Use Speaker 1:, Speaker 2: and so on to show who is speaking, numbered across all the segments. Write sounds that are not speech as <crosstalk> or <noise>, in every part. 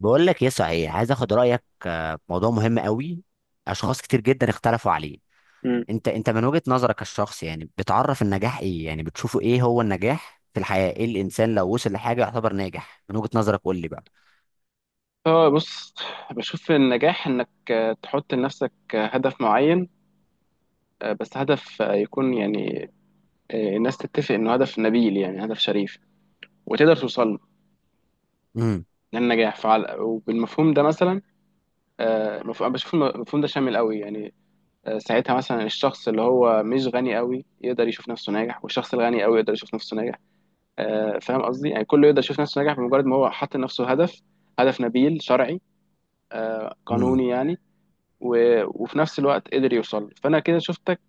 Speaker 1: بقول لك ايه صحيح، عايز اخد رايك في موضوع مهم قوي. اشخاص كتير جدا اختلفوا عليه.
Speaker 2: مم.
Speaker 1: انت من وجهة نظرك الشخص، يعني بتعرف النجاح ايه، يعني بتشوفه ايه هو النجاح في الحياة؟ ايه الانسان لو وصل لحاجة يعتبر ناجح من وجهة نظرك؟ قول لي بقى.
Speaker 2: اه، بص، بشوف النجاح انك تحط لنفسك هدف معين. بس هدف يكون يعني الناس تتفق انه هدف نبيل، يعني هدف شريف، وتقدر توصل
Speaker 1: امم.
Speaker 2: للنجاح فعلى. وبالمفهوم ده مثلا بشوف المفهوم ده شامل قوي يعني. ساعتها مثلا الشخص اللي هو مش غني قوي يقدر يشوف نفسه ناجح، والشخص الغني قوي يقدر يشوف نفسه ناجح. فاهم قصدي؟ يعني كله يقدر يشوف نفسه ناجح بمجرد ما هو حط لنفسه هدف، هدف نبيل شرعي
Speaker 1: امم.
Speaker 2: قانوني يعني. و... وفي نفس الوقت قدر يوصل له. فانا كده شفتك،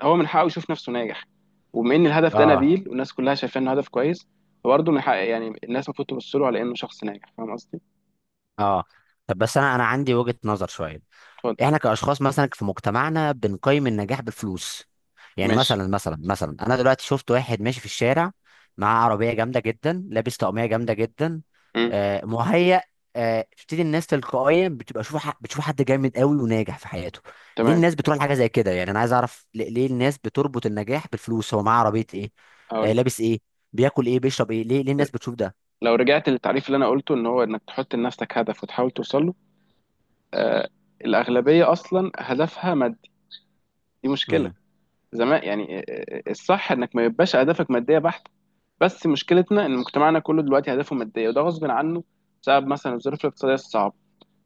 Speaker 2: هو من حقه يشوف نفسه ناجح. وبما ان الهدف ده
Speaker 1: اه.
Speaker 2: نبيل والناس كلها شايفاه انه هدف كويس، فبرضه من حق يعني الناس المفروض تبص له على انه شخص ناجح. فاهم قصدي؟
Speaker 1: اه. طب بس انا عندي وجهة نظر شوية.
Speaker 2: اتفضل.
Speaker 1: احنا كاشخاص مثلا في مجتمعنا بنقيم النجاح بالفلوس. يعني
Speaker 2: ماشي.
Speaker 1: مثلا، انا دلوقتي شفت واحد ماشي في الشارع، معاه عربيه جامده جدا، لابس طقميه جامده جدا.
Speaker 2: امم.
Speaker 1: مهيأ. بتبتدي الناس تلقائيا بتبقى بتشوف حد جامد قوي وناجح في حياته. ليه
Speaker 2: تمام.
Speaker 1: الناس بتروح لحاجه زي كده؟ يعني انا عايز اعرف ليه الناس بتربط النجاح بالفلوس. هو معاه عربيه ايه؟
Speaker 2: هقول لك،
Speaker 1: لابس ايه؟ بياكل ايه؟ بيشرب ايه؟ ليه الناس بتشوف ده؟
Speaker 2: لو رجعت للتعريف اللي انا قلته، ان هو انك تحط لنفسك هدف وتحاول توصل له. آه الاغلبيه اصلا هدفها مادي. دي مشكله زمان يعني. الصح انك ما يبقاش اهدافك ماديه بحته. بس مشكلتنا ان مجتمعنا كله دلوقتي هدفه ماديه، وده غصب عنه بسبب مثلا الظروف الاقتصاديه الصعبه.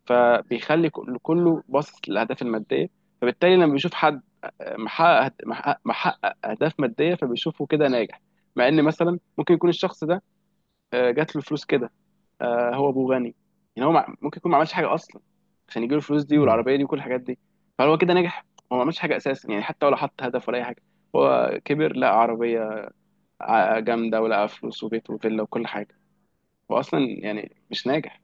Speaker 2: فبيخلي كله باصص للاهداف الماديه. فبالتالي لما بيشوف حد محقق اهداف ماديه فبيشوفه كده ناجح. مع ان مثلا ممكن يكون الشخص ده جات له فلوس كده. هو ابوه غني. يعني هو ممكن يكون ما عملش حاجه اصلا عشان يجيله الفلوس دي
Speaker 1: امم.
Speaker 2: والعربيه دي وكل الحاجات دي. فهل هو كده ناجح؟ هو ما عملش حاجه اساسا يعني، حتى ولا حط هدف ولا اي حاجه. هو كبر لقى عربيه جامده، ولقى فلوس وبيت وفيلا وكل حاجه. هو اصلا يعني مش ناجح،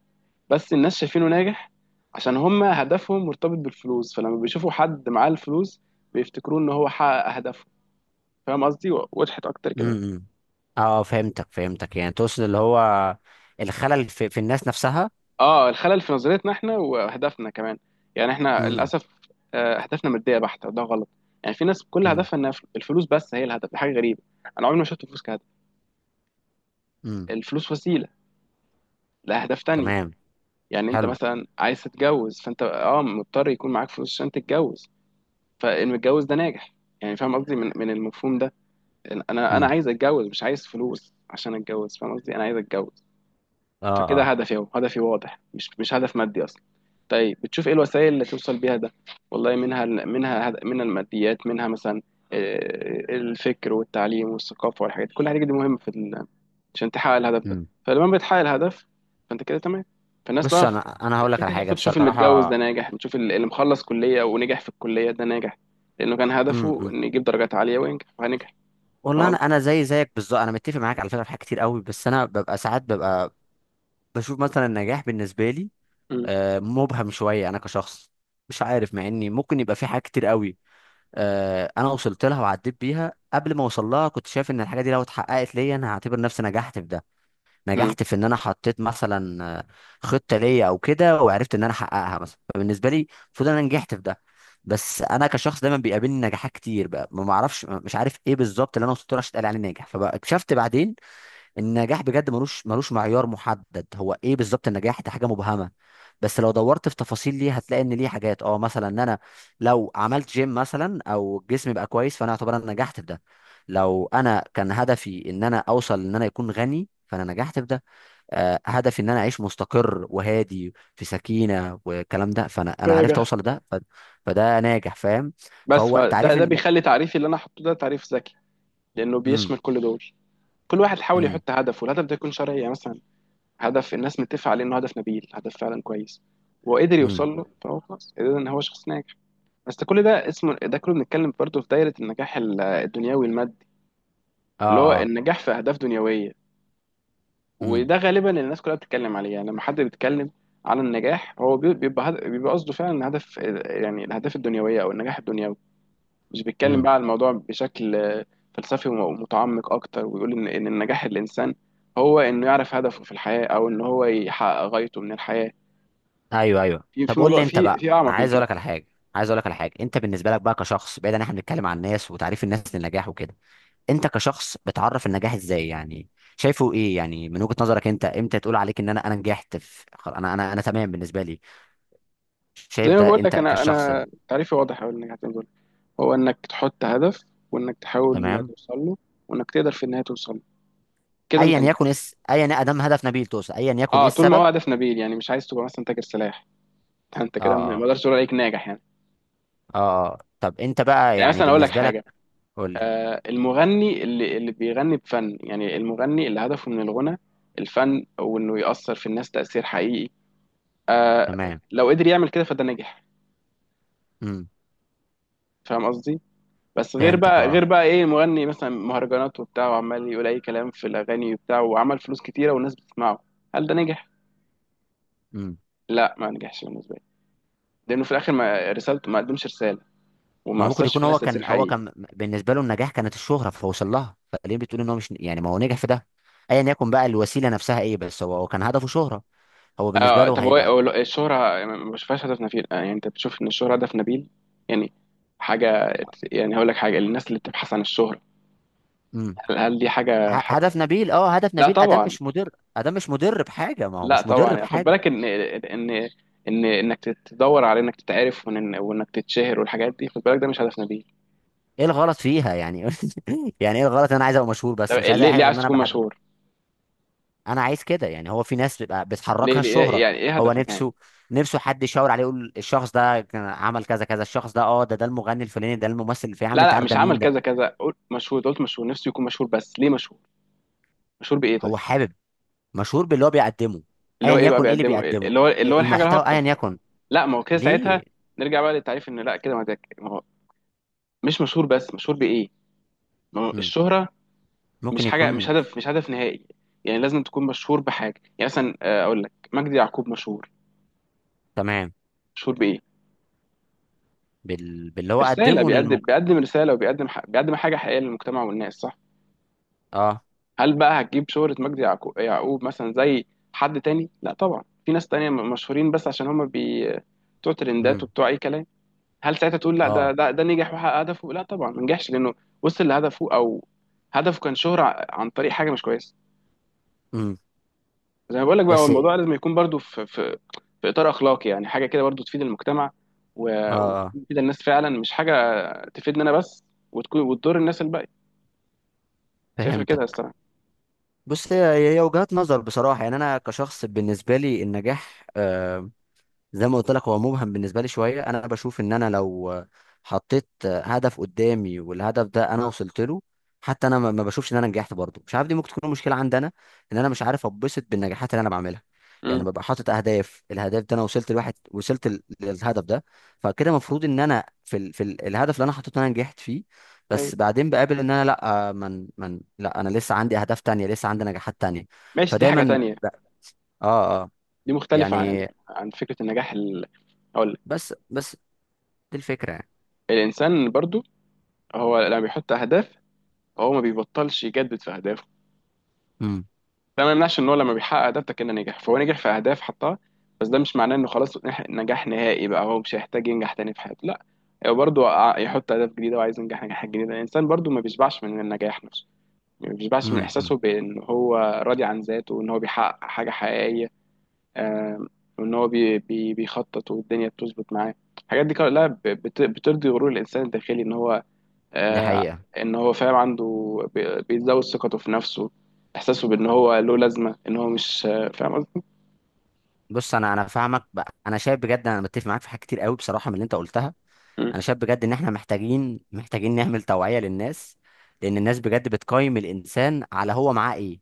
Speaker 2: بس الناس شايفينه ناجح عشان هم هدفهم مرتبط بالفلوس. فلما بيشوفوا حد معاه الفلوس بيفتكروه ان هو حقق اهدافه. فاهم قصدي؟ وضحت اكتر كده؟
Speaker 1: امم. اه، فهمتك. يعني تقصد اللي هو الخلل في الناس نفسها.
Speaker 2: اه، الخلل في نظريتنا احنا واهدافنا كمان. يعني احنا
Speaker 1: امم.
Speaker 2: للاسف اهدافنا ماديه بحته، وده غلط. يعني في ناس كل
Speaker 1: امم.
Speaker 2: هدفها انها الفلوس بس هي الهدف، دي حاجه غريبه. انا عمري ما شفت الفلوس كهدف.
Speaker 1: امم.
Speaker 2: الفلوس وسيله لاهداف تانية.
Speaker 1: تمام.
Speaker 2: يعني انت
Speaker 1: حلو.
Speaker 2: مثلا عايز تتجوز، فانت اه مضطر يكون معاك فلوس عشان تتجوز. فالمتجوز ده ناجح. يعني فاهم قصدي من المفهوم ده؟ انا
Speaker 1: امم.
Speaker 2: عايز اتجوز، مش عايز فلوس عشان اتجوز. فاهم قصدي؟ انا عايز اتجوز.
Speaker 1: اه.
Speaker 2: فكده
Speaker 1: اه.
Speaker 2: هدفي اهو، هدفي واضح، مش هدف مادي اصلا. طيب، بتشوف ايه الوسائل اللي توصل بيها ده؟ والله منها الماديات، منها مثلا الفكر والتعليم والثقافه والحاجات دي. كل الحاجات دي مهمه عشان تحقق الهدف ده.
Speaker 1: امم.
Speaker 2: فلما بتحقق الهدف فانت كده تمام. فالناس
Speaker 1: بص
Speaker 2: بقى
Speaker 1: انا هقول لك على
Speaker 2: الفكره دي
Speaker 1: حاجه
Speaker 2: بتشوف المتجوز
Speaker 1: بصراحه.
Speaker 2: ده ناجح، بتشوف اللي مخلص كليه ونجح في الكليه ده ناجح، لانه كان هدفه
Speaker 1: امم.
Speaker 2: انه يجيب درجات عاليه وينجح فنجح. فاهم
Speaker 1: والله انا
Speaker 2: قصدي؟
Speaker 1: انا زي زيك بالظبط، انا متفق معاك على فكره في حاجات كتير قوي، بس انا ببقى ساعات ببقى بشوف مثلا النجاح بالنسبه لي مبهم شويه. انا كشخص مش عارف، مع اني ممكن يبقى في حاجات كتير قوي انا وصلت لها وعديت بيها. قبل ما اوصل لها كنت شايف ان الحاجه دي لو اتحققت ليا، انا هعتبر نفسي نجحت في ده،
Speaker 2: مم.
Speaker 1: نجحت في ان انا حطيت مثلا خطه ليا او كده، وعرفت ان انا احققها مثلا، فبالنسبه لي المفروض إن انا نجحت في ده. بس انا كشخص دايما بيقابلني نجاحات كتير بقى، ما اعرفش، مش عارف ايه بالظبط اللي انا وصلت له عشان اتقال عليه ناجح. فاكتشفت بعدين النجاح بجد ملوش معيار محدد. هو ايه بالظبط النجاح ده؟ حاجه مبهمه. بس لو دورت في تفاصيل ليه، هتلاقي ان ليه حاجات. اه، مثلا ان انا لو عملت جيم مثلا او جسمي بقى كويس، فانا اعتبر انا نجحت في ده. لو انا كان هدفي ان انا اوصل ان انا يكون غني، فانا نجحت في ده. هدفي ان انا اعيش مستقر وهادي في سكينه والكلام ده، فانا عرفت
Speaker 2: راجع.
Speaker 1: اوصل لده. فده ناجح، فاهم؟
Speaker 2: بس
Speaker 1: فهو
Speaker 2: فده
Speaker 1: تعريف
Speaker 2: ده
Speaker 1: ان.
Speaker 2: بيخلي تعريفي اللي انا حطه ده تعريف ذكي، لانه
Speaker 1: امم.
Speaker 2: بيشمل كل دول. كل واحد حاول
Speaker 1: امم.
Speaker 2: يحط هدف، والهدف ده يكون شرعي، يعني مثلا هدف الناس متفقه عليه انه هدف نبيل، هدف فعلا كويس، وقدر
Speaker 1: امم.
Speaker 2: يوصل له، فهو خلاص قدر ان هو شخص ناجح. بس ده كل ده اسمه، ده كله بنتكلم برضه في دايره النجاح الدنيوي المادي،
Speaker 1: اه.
Speaker 2: اللي هو
Speaker 1: اه.
Speaker 2: النجاح في اهداف دنيويه.
Speaker 1: امم.
Speaker 2: وده غالبا اللي الناس كلها بتتكلم عليه. يعني لما حد بيتكلم عن النجاح هو بيبقى قصده فعلا هدف، يعني الاهداف الدنيويه او النجاح الدنيوي. مش بيتكلم
Speaker 1: إمم.
Speaker 2: بقى على الموضوع بشكل فلسفي ومتعمق اكتر، ويقول ان النجاح الانسان هو انه يعرف هدفه في الحياه، او ان هو يحقق غايته من الحياه.
Speaker 1: ايوه ايوه،
Speaker 2: في
Speaker 1: طب
Speaker 2: في
Speaker 1: قول
Speaker 2: موضوع
Speaker 1: لي انت
Speaker 2: في
Speaker 1: بقى.
Speaker 2: في اعمق من
Speaker 1: عايز اقول
Speaker 2: كده.
Speaker 1: لك على حاجه. عايز اقول لك على حاجه. انت بالنسبه لك بقى كشخص، بعيد ان احنا بنتكلم عن الناس وتعريف الناس للنجاح وكده، انت كشخص بتعرف النجاح ازاي يعني؟ شايفه ايه يعني من وجهة نظرك؟ انت امتى تقول عليك ان انا نجحت في انا تمام بالنسبه لي،
Speaker 2: زي
Speaker 1: شايف
Speaker 2: ما
Speaker 1: ده
Speaker 2: بقول
Speaker 1: انت
Speaker 2: لك، انا
Speaker 1: كشخص؟
Speaker 2: انا تعريفي واضح أوي للنجاح، زي ما بقول لك. هو انك تحط هدف، وانك تحاول
Speaker 1: تمام.
Speaker 2: توصل له، وانك تقدر في النهايه توصل له. كده
Speaker 1: ايا
Speaker 2: انت نجحت.
Speaker 1: يكن اس ايا ادم هدف نبيل توصل، ايا يكن ايه
Speaker 2: اه، طول ما هو
Speaker 1: السبب.
Speaker 2: هدف نبيل، يعني مش عايز تبقى مثلا تاجر سلاح. <laughs> انت كده
Speaker 1: اه.
Speaker 2: ما
Speaker 1: اه.
Speaker 2: اقدرش اقول عليك ناجح يعني.
Speaker 1: اه. طب انت بقى
Speaker 2: يعني
Speaker 1: يعني
Speaker 2: مثلا اقول لك
Speaker 1: بالنسبه لك.
Speaker 2: حاجه.
Speaker 1: قول لي.
Speaker 2: المغني اللي بيغني بفن، يعني المغني اللي هدفه من الغنى الفن، وانه يأثر في الناس تأثير حقيقي. آه،
Speaker 1: تمام.
Speaker 2: لو قدر يعمل كده فده نجح.
Speaker 1: امم.
Speaker 2: فاهم قصدي؟ بس غير
Speaker 1: فهمتك.
Speaker 2: بقى
Speaker 1: اه.
Speaker 2: غير بقى ايه؟ مغني مثلا مهرجانات وبتاع، وعمال يقول اي كلام في الاغاني وبتاع، وعمل فلوس كتيره والناس بتسمعه. هل ده نجح؟
Speaker 1: امم.
Speaker 2: لا، ما نجحش بالنسبه لي. لانه في الاخر ما رسالته، ما قدمش رساله،
Speaker 1: ما
Speaker 2: وما
Speaker 1: ممكن
Speaker 2: اثرش في
Speaker 1: يكون
Speaker 2: الناس
Speaker 1: هو
Speaker 2: تأثير
Speaker 1: كان، هو
Speaker 2: حقيقي.
Speaker 1: كان بالنسبه له النجاح كانت الشهره فوصل لها. فليه بتقول ان هو مش، يعني ما هو نجح في ده؟ ايا يكن بقى الوسيله نفسها ايه، بس هو كان هدفه شهره. هو بالنسبه له
Speaker 2: طب هو
Speaker 1: هيبقى.
Speaker 2: هو الشهرة ما بشوفهاش هدف نبيل. يعني انت بتشوف ان الشهرة هدف نبيل؟ يعني حاجة، يعني هقول لك حاجة، الناس اللي بتبحث عن الشهرة،
Speaker 1: امم.
Speaker 2: هل دي حاجة
Speaker 1: هدف
Speaker 2: حلوة؟
Speaker 1: نبيل، اه هدف
Speaker 2: لا
Speaker 1: نبيل. ادم
Speaker 2: طبعا.
Speaker 1: مش مدر. ادم مش مدر بحاجه ما هو
Speaker 2: لا
Speaker 1: مش
Speaker 2: طبعا.
Speaker 1: مدر
Speaker 2: يعني خد
Speaker 1: بحاجه.
Speaker 2: بالك ان انك تدور على انك تتعرف وانك تتشهر والحاجات دي، خد بالك ده مش هدف نبيل.
Speaker 1: ايه الغلط فيها يعني؟ <laughs> يعني ايه الغلط إن انا عايز ابقى مشهور،
Speaker 2: طب،
Speaker 1: بس مش عايز
Speaker 2: ليه
Speaker 1: اي حاجه
Speaker 2: ليه
Speaker 1: غير
Speaker 2: عايز
Speaker 1: ان انا
Speaker 2: تكون
Speaker 1: بحد؟
Speaker 2: مشهور؟
Speaker 1: انا عايز كده، يعني هو في ناس بتبقى
Speaker 2: ليه،
Speaker 1: بتحركها
Speaker 2: ليه
Speaker 1: الشهره.
Speaker 2: يعني ايه
Speaker 1: هو
Speaker 2: هدفك يعني؟
Speaker 1: نفسه. نفسه حد يشاور عليه يقول الشخص ده كان عمل كذا كذا، الشخص ده اه ده المغني الفلاني، ده الممثل الفلاني، يا عم
Speaker 2: لا،
Speaker 1: انت
Speaker 2: لا،
Speaker 1: عارف
Speaker 2: مش
Speaker 1: ده
Speaker 2: عمل
Speaker 1: مين.
Speaker 2: كذا كذا، قلت مشهور، قلت مشهور نفسي يكون مشهور. بس ليه مشهور؟ مشهور بإيه طيب؟
Speaker 1: هو حابب. مشهور باللي هو بيقدمه.
Speaker 2: اللي
Speaker 1: ايا
Speaker 2: هو ايه بقى
Speaker 1: يكن ايه اللي
Speaker 2: بيقدمه إيه؟
Speaker 1: بيقدمه.
Speaker 2: اللي هو اللي
Speaker 1: إيه
Speaker 2: هو الحاجه
Speaker 1: المحتوى ايا
Speaker 2: الهابطه.
Speaker 1: يكن.
Speaker 2: لا، ما هو كده ساعتها.
Speaker 1: ليه.
Speaker 2: نرجع بقى للتعريف، ان لا كده، ما ده ما هو مش مشهور بس مشهور بايه. ما هو
Speaker 1: مم.
Speaker 2: الشهره مش
Speaker 1: ممكن
Speaker 2: حاجه، مش
Speaker 1: يكون.
Speaker 2: هدف، مش هدف نهائي. يعني لازم تكون مشهور بحاجه، يعني مثلا اقول لك مجدي يعقوب مشهور.
Speaker 1: تمام.
Speaker 2: مشهور بايه؟
Speaker 1: باللي هو
Speaker 2: برساله،
Speaker 1: قدمه
Speaker 2: بيقدم
Speaker 1: للمك.
Speaker 2: بيقدم رساله، وبيقدم بيقدم حاجه حقيقيه للمجتمع والناس، صح؟
Speaker 1: اه.
Speaker 2: هل بقى هتجيب شهره مجدي يعقوب مثلا زي حد تاني؟ لا طبعا. في ناس تانية مشهورين بس عشان هم بتوع ترندات
Speaker 1: مم.
Speaker 2: وبتوع اي كلام. هل ساعتها تقول لا ده
Speaker 1: اه.
Speaker 2: ده ده نجح وحقق هدفه؟ لا طبعا. ما نجحش، لانه وصل لهدفه، او هدفه كان شهرة عن طريق حاجه مش كويسه.
Speaker 1: مم.
Speaker 2: زي ما بقول لك بقى، هو
Speaker 1: بس اه.
Speaker 2: الموضوع لازم يكون برضو في اطار اخلاقي، يعني حاجه كده برضو تفيد المجتمع
Speaker 1: اه.
Speaker 2: وتفيد الناس فعلا، مش حاجه تفيدني انا بس وتكون وتضر الناس الباقيه. شايفها كده يا
Speaker 1: فهمتك.
Speaker 2: الصراحه.
Speaker 1: بص هي، هي وجهات نظر بصراحة. يعني أنا كشخص بالنسبة لي النجاح، زي ما قلت لك، هو مبهم بالنسبه لي شويه. انا بشوف ان انا لو حطيت هدف قدامي والهدف ده انا وصلت له، حتى انا ما بشوفش ان انا نجحت برضه. مش عارف، دي ممكن تكون مشكله عندي انا، ان انا مش عارف اتبسط بالنجاحات اللي انا بعملها. يعني
Speaker 2: امم.
Speaker 1: ببقى حاطط اهداف، الهدف ده انا وصلت لواحد، وصلت للهدف ده. فكده المفروض ان انا في في الهدف اللي انا حطيته انا نجحت فيه.
Speaker 2: ايوه.
Speaker 1: بس بعدين بقابل ان انا لا، من لا، انا لسه عندي اهداف تانية، لسه عندي نجاحات تانية.
Speaker 2: ماشي. دي حاجه
Speaker 1: فدايما
Speaker 2: تانية،
Speaker 1: ب- اه. اه.
Speaker 2: دي مختلفه عن
Speaker 1: يعني.
Speaker 2: عن فكره النجاح اقول لك.
Speaker 1: بس دي الفكرة يعني.
Speaker 2: الانسان برضو هو لما بيحط اهداف، هو ما بيبطلش يجدد في اهدافه.
Speaker 1: امم.
Speaker 2: ده ما يمنعش ان هو لما بيحقق ده كده نجح، فهو نجح في اهداف حطها. بس ده مش معناه انه خلاص نجاح نهائي. بقى هو مش هيحتاج ينجح تاني في حياته؟ لا، هو برضه يحط اهداف جديده وعايز ينجح نجاحات جديده. الانسان برضه ما بيشبعش من النجاح نفسه، ما بيشبعش من
Speaker 1: امم.
Speaker 2: احساسه بان هو راضي عن ذاته وان هو بيحقق حاجه حقيقيه. آم، وان هو بي بي بيخطط والدنيا بتظبط معاه. الحاجات دي كلها بترضي غرور الانسان الداخلي ان هو
Speaker 1: دي
Speaker 2: آه،
Speaker 1: حقيقة.
Speaker 2: ان هو فاهم عنده، بيزود ثقته في نفسه، احساسه بان هو له لازمه، ان هو مش فاهم قصدي.
Speaker 1: بص انا فاهمك بقى. انا شايف بجد انا متفق معاك في حاجات كتير قوي بصراحة من اللي انت قلتها.
Speaker 2: مم.
Speaker 1: انا شايف بجد ان احنا محتاجين نعمل توعية للناس، لان الناس بجد بتقيم الانسان على هو معاه ايه.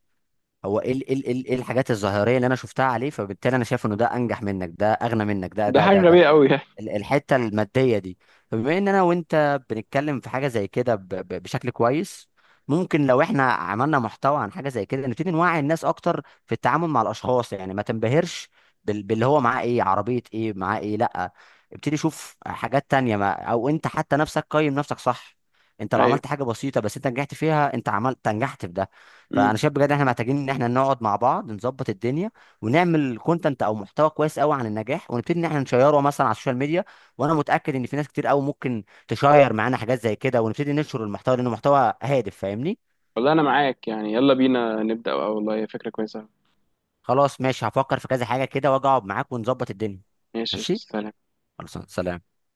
Speaker 1: هو ايه ايه ايه إيه الحاجات الظاهرية اللي انا شفتها عليه، فبالتالي انا شايف انه ده انجح منك، ده اغنى منك، ده
Speaker 2: ده
Speaker 1: ده
Speaker 2: حاجه
Speaker 1: ده
Speaker 2: غبيه قوي يعني.
Speaker 1: الحته الماديه دي. فبما ان انا وانت بنتكلم في حاجه زي كده بشكل كويس، ممكن لو احنا عملنا محتوى عن حاجه زي كده نبتدي نوعي الناس اكتر في التعامل مع الاشخاص. يعني ما تنبهرش باللي هو معاه ايه، عربيه ايه، معاه ايه، لا. ابتدي شوف حاجات تانية. ما او انت حتى نفسك قيم نفسك صح. انت لو
Speaker 2: ايوه.
Speaker 1: عملت حاجه بسيطه بس انت نجحت فيها، انت عملت، نجحت في ده.
Speaker 2: مم.
Speaker 1: فانا شايف بجد احنا محتاجين ان احنا نقعد مع بعض نظبط الدنيا، ونعمل كونتنت او محتوى كويس قوي عن النجاح، ونبتدي ان احنا نشيره مثلا على السوشيال ميديا. وانا متاكد ان في ناس كتير قوي ممكن تشير معانا حاجات زي كده، ونبتدي ننشر المحتوى، لانه محتوى هادف، فاهمني؟
Speaker 2: والله انا معاك يعني، يلا بينا نبدا بقى، والله هي فكره كويسه.
Speaker 1: خلاص ماشي، هفكر في كذا حاجه كده واجي اقعد معاك ونظبط الدنيا.
Speaker 2: ماشي، قشطة،
Speaker 1: ماشي.
Speaker 2: سلام.
Speaker 1: خلاص سلام.